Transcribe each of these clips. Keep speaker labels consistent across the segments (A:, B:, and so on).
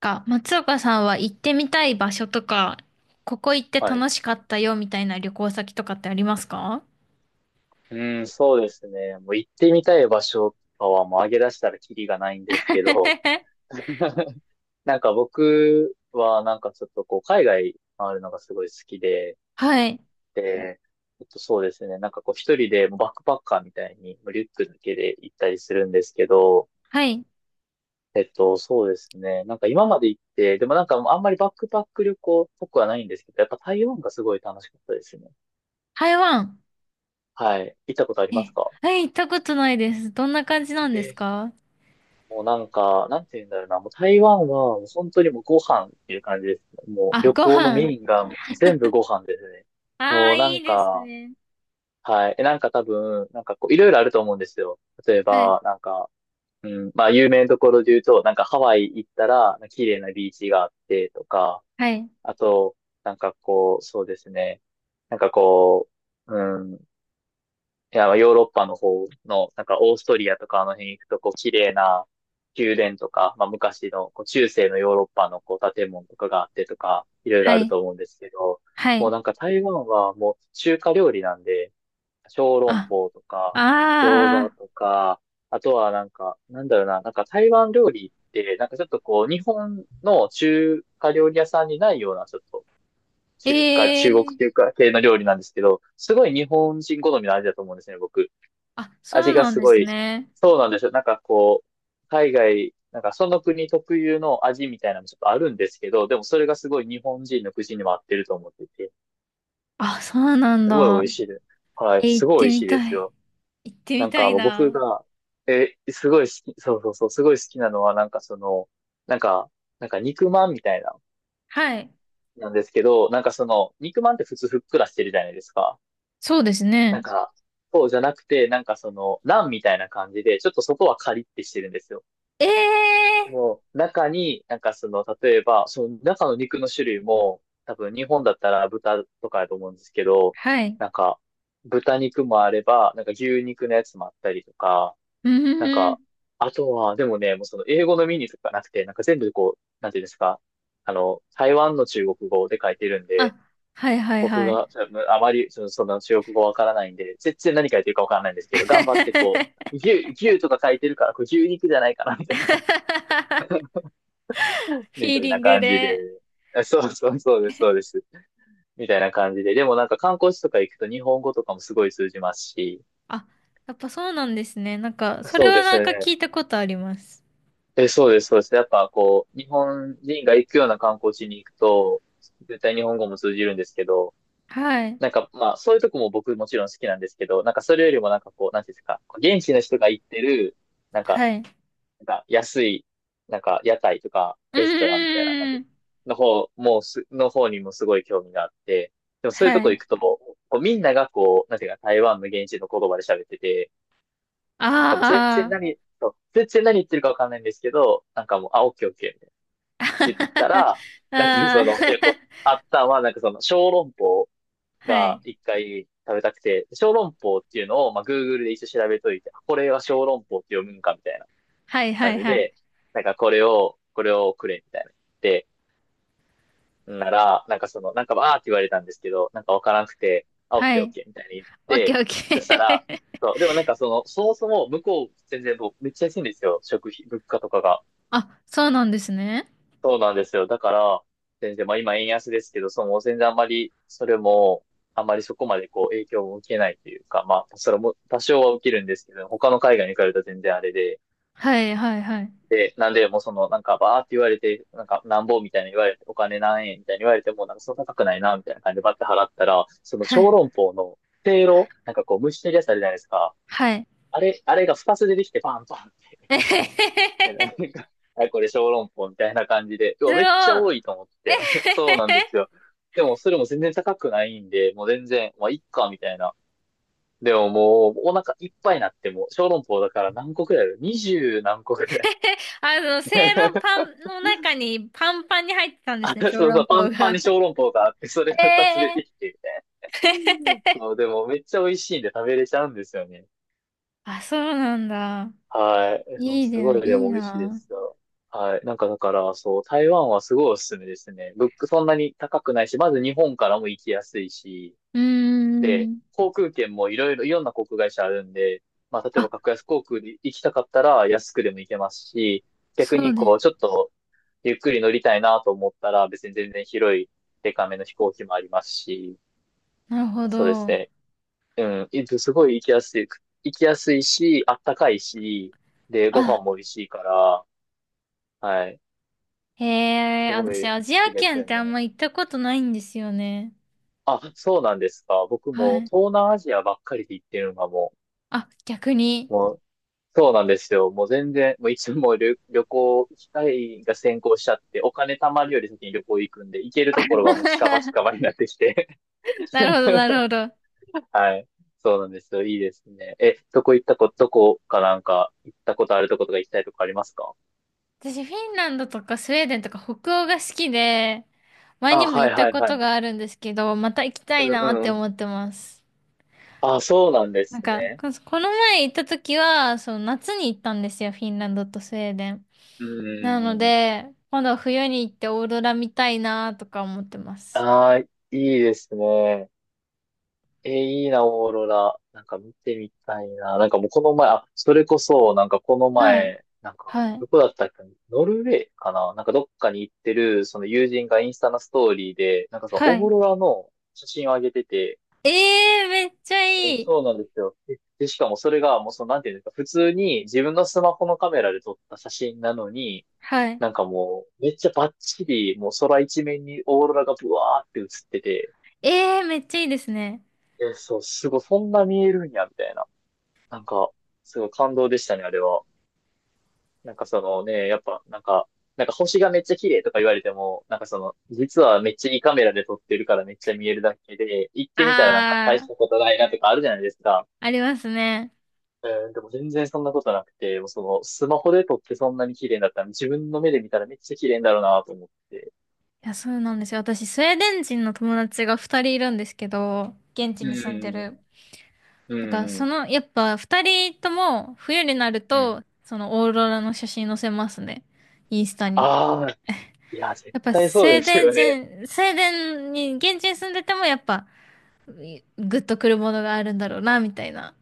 A: か、松岡さんは行ってみたい場所とか、ここ行って
B: はい。
A: 楽しかったよみたいな旅行先とかってありますか？
B: うん、そうですね。もう行ってみたい場所とかはもう上げ出したらキリがないんですけど、なんか僕はなんかちょっとこう海外回るのがすごい好きで、
A: はい。
B: で、そうですね。なんかこう一人でもうバックパッカーみたいにもうリュックだけで行ったりするんですけど、
A: はい。
B: そうですね。なんか今まで行って、でもなんかあんまりバックパック旅行っぽくはないんですけど、やっぱ台湾がすごい楽しかったですね。
A: 台湾。
B: はい。行ったことあります
A: え、
B: か？
A: はい、行ったことないです。どんな感じなんですか？
B: もうなんか、なんて言うんだろうな、もう台湾はもう本当にもうご飯っていう感じですね。もう
A: あ、
B: 旅
A: ご
B: 行の
A: 飯。
B: メインがもう全部ご飯ですね。
A: ああ、
B: もうな
A: い
B: ん
A: いです
B: か、
A: ね。
B: はい。え、なんか多分、なんかこう、いろいろあると思うんですよ。例え
A: はい。
B: ば、なんか、うん、まあ有名なところで言うと、なんかハワイ行ったら、綺麗なビーチがあってとか、
A: はい。
B: あと、なんかこう、そうですね。なんかこう、うんいや、ヨーロッパの方の、なんかオーストリアとかあの辺行くと、こう、綺麗な宮殿とか、まあ昔の、こう、中世のヨーロッパのこう、建物とかがあってとか、いろいろ
A: は
B: ある
A: い。
B: と思うんですけど、
A: は
B: もう
A: い。
B: なんか台湾はもう中華料理なんで、小籠
A: あ、
B: 包とか、餃
A: あ
B: 子
A: あ、
B: とか、あとはなんか、なんだろうな、なんか台湾料理って、なんかちょっとこう、日本の中華料理屋さんにないような、ちょっと、
A: え
B: 中華、中国っ
A: え、
B: ていうか、系の料理なんですけど、すごい日本人好みの味だと思うんですね、僕。
A: あ、そう
B: 味が
A: なん
B: す
A: で
B: ご
A: す
B: い、
A: ね。
B: そうなんですよ。なんかこう、海外、なんかその国特有の味みたいなのもちょっとあるんですけど、でもそれがすごい日本人の口にも合ってると思ってて、
A: あ、そうなん
B: すごい
A: だ。
B: 美味しいです。はい、
A: え、行
B: す
A: っ
B: ごい
A: て
B: 美味
A: み
B: しいで
A: た
B: す
A: い。
B: よ。
A: 行って
B: な
A: み
B: ん
A: た
B: か
A: い
B: もう僕
A: な。
B: が、え、すごい好き、そうそうそう、すごい好きなのはなんかその、なんか、なんか肉まんみたいな、
A: はい。
B: なんですけど、なんかその、肉まんって普通ふっくらしてるじゃないですか。
A: そうです
B: なん
A: ね。
B: か、そうじゃなくて、なんかその、ランみたいな感じで、ちょっと外はカリッてしてるんですよ。
A: え
B: で
A: え、
B: も、中に、なんかその、例えば、その中の肉の種類も、多分日本だったら豚とかだと思うんですけど、
A: はい。
B: なんか、豚肉もあれば、なんか牛肉のやつもあったりとか、
A: う
B: なん
A: ーん。
B: か、あとは、でもね、もうその英語のメニューとかなくて、なんか全部こう、なんていうんですか、あの、台湾の中国語で書いてるん
A: あ、
B: で、
A: はいはい
B: 僕
A: はい。
B: がそのあまりその、その中国語わからないんで、全然何書いてるかわからないんですけど、頑張ってこう、牛とか書いてるから、これ牛肉じゃないかな、みたいな。
A: フ
B: み
A: ィー
B: たい
A: リ
B: な
A: ング
B: 感じで。
A: で。
B: あそうそうそうです、そうです。みたいな感じで。でもなんか観光地とか行くと日本語とかもすごい通じますし。
A: あ、やっぱそうなんですね。なんか、それ
B: そう
A: は
B: です
A: なんか
B: ね。
A: 聞いたことあります。
B: え、そうです、そうです。やっぱこう、日本人が行くような観光地に行くと、絶対日本語も通じるんですけど、
A: はい。
B: なんかまあ、そういうとこも僕もちろん好きなんですけど、なんかそれよりもなんかこう、なんていうんですか、現地の人が行ってる、なんか
A: はい。
B: なんか安い、なんか屋台とか
A: う
B: レストランみたいな、なんて
A: ー
B: いう
A: ん。
B: の、の方、もうす、の方にもすごい興味があって、でもそういうと
A: は
B: こ行
A: い。
B: くと、こうみんながこう、なんていうか台湾の現地の言葉で喋ってて、なんかもう全
A: あ
B: 然
A: あ。
B: 何、そう全然何言ってるかわかんないんですけど、なんかもう、あ、オッケーオッケーみたいな言ったら、なんか
A: ああ
B: そ
A: は
B: の、あったのは、なんかその、小籠包
A: い
B: が一回食べたくて、小籠包っていうのを、まあ、Google で一応調べといて、あこれは小籠包って読むんかみたいな。
A: はいは
B: 感
A: い
B: じ
A: はい。
B: で、なんかこれを、これをくれみたいな言って、なら、なんかその、なんかばーって言われたんですけど、なんかわからなくて、あ、オッ
A: は
B: ケーオッ
A: い。
B: ケーみたいに言っ
A: オッケー
B: て、
A: オッ
B: そした
A: ケ
B: ら、
A: ー。
B: そう、でもなんかその、そもそも向こう全然僕めっちゃ安いんですよ。食費、物価とかが。
A: あ、そうなんですね。
B: そうなんですよ。だから、全然、まあ今円安ですけど、その全然あんまり、それも、あんまりそこまでこう影響を受けないというか、まあ、それも多少は受けるんですけど、他の海外に比べたら全然あれで、
A: はいはいはい。
B: で、なんで、もうその、なんか、バーって言われて、なんか、なんぼみたいな言われて、お金何円みたいに言われても、なんか、そんな高くないな、みたいな感じでバッて払ったら、その
A: は
B: 小
A: い。
B: 籠包の、せいろなんかこう、蒸してるやつあるじゃないですか。
A: はい。
B: あれ、あれが2つ出てきて、パンパンっ
A: えへへへ
B: て。なん
A: へ。
B: か、あ、これ小籠包みたいな感じで、う
A: すご
B: わ、
A: い。
B: めっちゃ多いと思っ
A: え
B: て。
A: へ
B: そ
A: へ
B: うなんです
A: へ。
B: よ。でも、それも全然高くないんで、もう全然、まあ、いっか、みたいな。でももう、お腹いっぱいになっても、小籠包だから何個くらいある？ 20 何個くらい。
A: あの、せいろパ ンの中にパンパンに入ってたん です
B: あ、
A: ね、
B: そう
A: 小
B: そ
A: 籠
B: う、パ
A: 包
B: ンパン
A: が。
B: に小籠包があって、それが
A: え
B: 2つ出
A: え
B: て
A: ー。
B: きてみたいな。そう、でもめっちゃ美味しいんで食べれちゃうんですよね。
A: あ、そうなんだ。
B: はい。でも
A: いい
B: す
A: だよ
B: ご
A: ね、
B: い
A: い
B: で
A: い
B: も美味しいで
A: な。
B: すよ。はい。なんかだから、そう、台湾はすごいおすすめですね。物価そんなに高くないし、まず日本からも行きやすいし、
A: うー
B: で、
A: ん。
B: 航空券もいろいろ、いろんな航空会社あるんで、まあ、例えば
A: あ、
B: 格安航空で行きたかったら安くでも行けますし、逆
A: そ
B: に
A: うで
B: こう、
A: す。
B: ちょっとゆっくり乗りたいなと思ったら、別に全然広い、デカめの飛行機もありますし、
A: なるほ
B: そうです
A: ど。
B: ね。うん、いすごい行きやすい、行きやすいし、あったかいし、で、ご
A: あ、
B: 飯も美味しいから、はい、
A: へえ、
B: すご
A: 私、
B: い好
A: アジア
B: きです
A: 圏っ
B: よ
A: てあん
B: ね。
A: ま行ったことないんですよね。
B: あ、そうなんですか。僕
A: は
B: も
A: い。
B: 東南アジアばっかりで行ってるのがも
A: あ、逆に。
B: う、もうそうなんですよ。もう全然、もういつも旅行、機会が先行しちゃって、お金貯まるより先に旅行行くんで、行けるところがもう近場近場に なってきて。
A: なるほど、なるほど。
B: はい。そうなんですよ。いいですね。え、どこかなんか、行ったことあるとことか行きたいとこありますか？
A: 私、フィンランドとかスウェーデンとか北欧が好きで、前
B: あ、
A: にも
B: は
A: 行
B: い
A: った
B: はい
A: こ
B: は
A: と
B: い。
A: があるんですけど、また行きた
B: う
A: いなっ
B: んう
A: て
B: ん。
A: 思ってます。
B: あ、そうなんで
A: なん
B: す
A: か、
B: ね。
A: ここの前行った時は、その夏に行ったんですよ、フィンランドとスウェーデン。
B: うん
A: なの
B: うんうん。
A: で、今度は冬に行ってオーロラ見たいなとか思ってます。
B: ああ、いいですね。えー、いいな、オーロラ。なんか見てみたいな。なんかもうこの前、あ、それこそ、なんかこの
A: はい。
B: 前、なんか、
A: は
B: ど
A: い。
B: こだったっけ、ノルウェーかな、なんかどっかに行ってる、その友人がインスタのストーリーで、なんかその
A: は
B: オー
A: い。
B: ロラの写真を上げてて、
A: ええー、めっちゃいい。
B: そうなんですよ。で、しかもそれがもうその、なんていうんですか、普通に自分のスマホのカメラで撮った写真なのに、
A: はい。
B: なんかもう、めっちゃバッチリ、もう空一面にオーロラがブワーって映ってて、
A: ええー、めっちゃいいですね。
B: そう、すごい、そんな見えるんや、みたいな。なんか、すごい感動でしたね、あれは。なんかそのね、やっぱ、なんか、なんか星がめっちゃ綺麗とか言われても、なんかその、実はめっちゃいいカメラで撮ってるからめっちゃ見えるだけで、行ってみたらなんか大
A: あ
B: し
A: ー、
B: たことないなとかあるじゃないですか。
A: ありますね。
B: うん、でも全然そんなことなくて、もうその、スマホで撮ってそんなに綺麗だったら、自分の目で見たらめっちゃ綺麗だろうなと思って。
A: いや、そうなんですよ。私、スウェーデン人の友達が二人いるんですけど、現地
B: う
A: に住んで
B: ん、
A: る。
B: うん、
A: だから、
B: う
A: そ
B: ん、
A: の、やっぱ二人とも冬になる
B: うん。
A: と、そのオーロラの写真載せますね。インスタに。
B: ああ、いや、絶
A: やっぱ
B: 対
A: スウ
B: そう
A: ェー
B: です
A: デン
B: よね。
A: 人、スウェーデンに、現地に住んでてもやっぱ、グッとくるものがあるんだろうな、みたいな。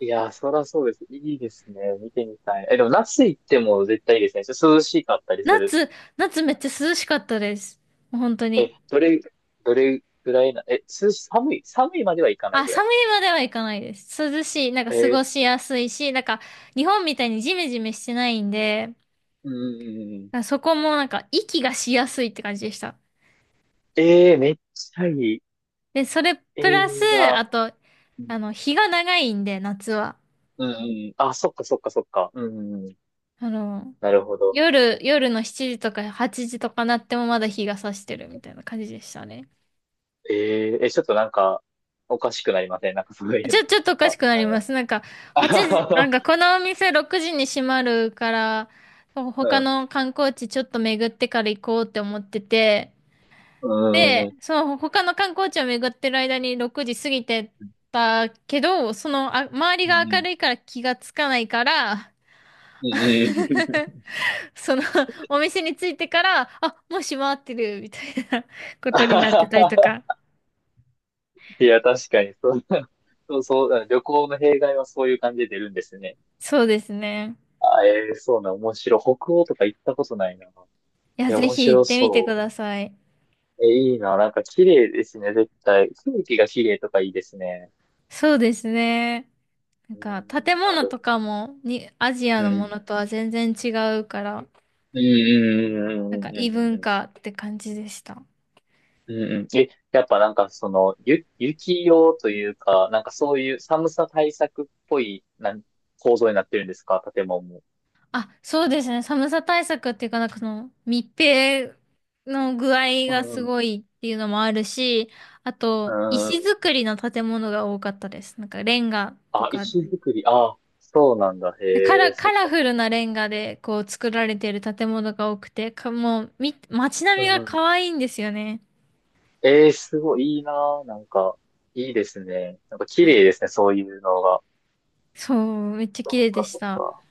B: いやー、そらそうです。いいですね。見てみたい。え、でも、那須行っても絶対いいですね。ちょっと涼しかったりする。
A: 夏、夏めっちゃ涼しかったです。もう本当
B: え、
A: に。
B: どれぐらいな、え、涼し、寒いまではいかない
A: あ、
B: ぐらい。
A: 寒いまではいかないです。涼しい、なんか
B: え
A: 過ご
B: ー、
A: しやすいし、なんか日本みたいにジメジメしてないんで、
B: うんうんうん。
A: あそこもなんか息がしやすいって感じでした。
B: えー、めっちゃいい。
A: で、それ
B: えー、
A: プラス、
B: いいな。
A: あと、
B: うん、
A: あの、日が長いんで、夏は。
B: うんうん。あ、そっかそっかそっか。うん、うんうん。
A: あの、
B: なるほど。
A: 夜の7時とか8時とかなってもまだ日が差してるみたいな感じでしたね。
B: えー、え、ちょっとなんか、おかしくなりませんなんかそういう
A: ちょ、
B: の。
A: ちょっとおかし
B: あ、
A: くなります。なんか、
B: あ、
A: 8時、
B: は
A: なん
B: は
A: かこのお店6時に閉まるから、
B: は
A: 他
B: は
A: の観光地ちょっと巡ってから行こうって思ってて、
B: うん、うん、う
A: で、
B: ん、
A: その他の観光地を巡ってる間に6時過ぎてたけど、そのあ、周り
B: うん、う
A: が明
B: ん。
A: るいから気がつかないから、
B: うんうんう
A: そのお店に着いてから、あ、もう閉まってるみたいな
B: ん
A: ことになってたり とか。
B: いや、確かに、そう、そう、そう、旅行の弊害はそういう感じで出るんですね。
A: そうですね。
B: あ、えーそうな、面白い。北欧とか行ったことないな。い
A: いや、
B: や、
A: ぜ
B: 面
A: ひ行っ
B: 白
A: てみてく
B: そ
A: ださい。
B: う。え、いいな、なんか綺麗ですね、絶対。空気が綺麗とかいいですね。
A: そうですね。なん
B: うん、
A: か建
B: なるほ
A: 物と
B: ど。
A: かもにアジア
B: う
A: のも
B: ん。
A: のとは全然違うから、
B: うん
A: なんか
B: うんうんうん
A: 異
B: うん
A: 文
B: うんう
A: 化って感じでした。
B: んうんうん。え、やっぱなんかその、雪用というか、なんかそういう寒さ対策っぽい、構造になってるんですか、建物も。
A: あ、そうですね。寒さ対策っていうか、なんかその密閉の具合
B: う
A: がす
B: んう
A: ごいっていうのもあるし、あと、
B: ん。う
A: 石
B: ん、
A: 造りの建物が多かったです。なんかレンガと
B: あ、
A: か、
B: 石造り。あ、そうなんだ。
A: カ
B: へ
A: ラ、
B: え、
A: カ
B: そっ
A: ラ
B: か
A: フ
B: そっか。
A: ルなレンガでこう作られている建物が多くて、もう、街並
B: う
A: みが
B: ん。
A: 可愛いんですよね。
B: ええ、すごいいいなぁ。なんか、いいですね。なんか綺麗ですね、そういうのが。
A: そう、めっちゃ
B: そっ
A: 綺麗で
B: か
A: し
B: そっ
A: た。
B: か。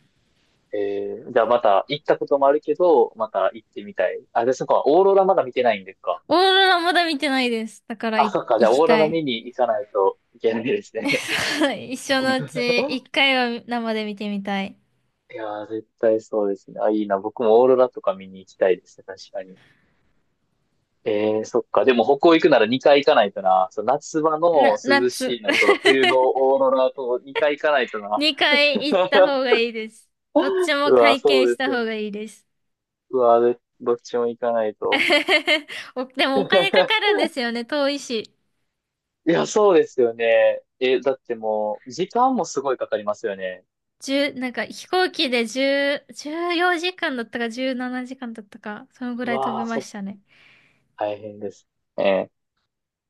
B: ええ、じゃあまた行ったこともあるけど、また行ってみたい。あ、で、そっか、オーロラまだ見てないんですか。
A: オーロラまだ見てないです。だから
B: あ、
A: い
B: そっか、じゃ
A: 行
B: あ
A: き
B: オーロ
A: た
B: ラ
A: い。
B: 見に行かないといけないですね。
A: 一生のうち 一回は生で見てみたい。
B: いやー、絶対そうですね。あ、いいな。僕もオーロラとか見に行きたいですね、確かに。ええ、そっか。でも北欧行くなら2回行かないとな。そう、夏場の涼し
A: 夏。
B: いのと冬のオーロラと2回行かないとな。
A: 2回行った方が いいです。どっちも
B: うわ、
A: 体
B: そ
A: 験
B: う
A: し
B: で
A: た
B: す
A: 方が
B: ね。
A: いいです。
B: うわ、でどっちも行かないと。
A: でもお金かか るんですよね、遠いし。
B: いや、そうですよね。え、だってもう、時間もすごいかかりますよね。
A: 1なんか飛行機で10、14時間だったか17時間だったか、そのぐ
B: う
A: らい飛び
B: わー、
A: ましたね。
B: 大変です。ええ。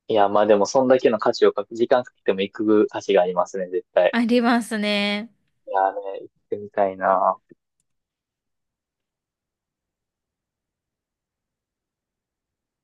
B: いや、まあでも、そんだけの価値をかけ、時間かけても行く価値がありますね、絶対。
A: ありますね。
B: いやーね、行ってみたいな。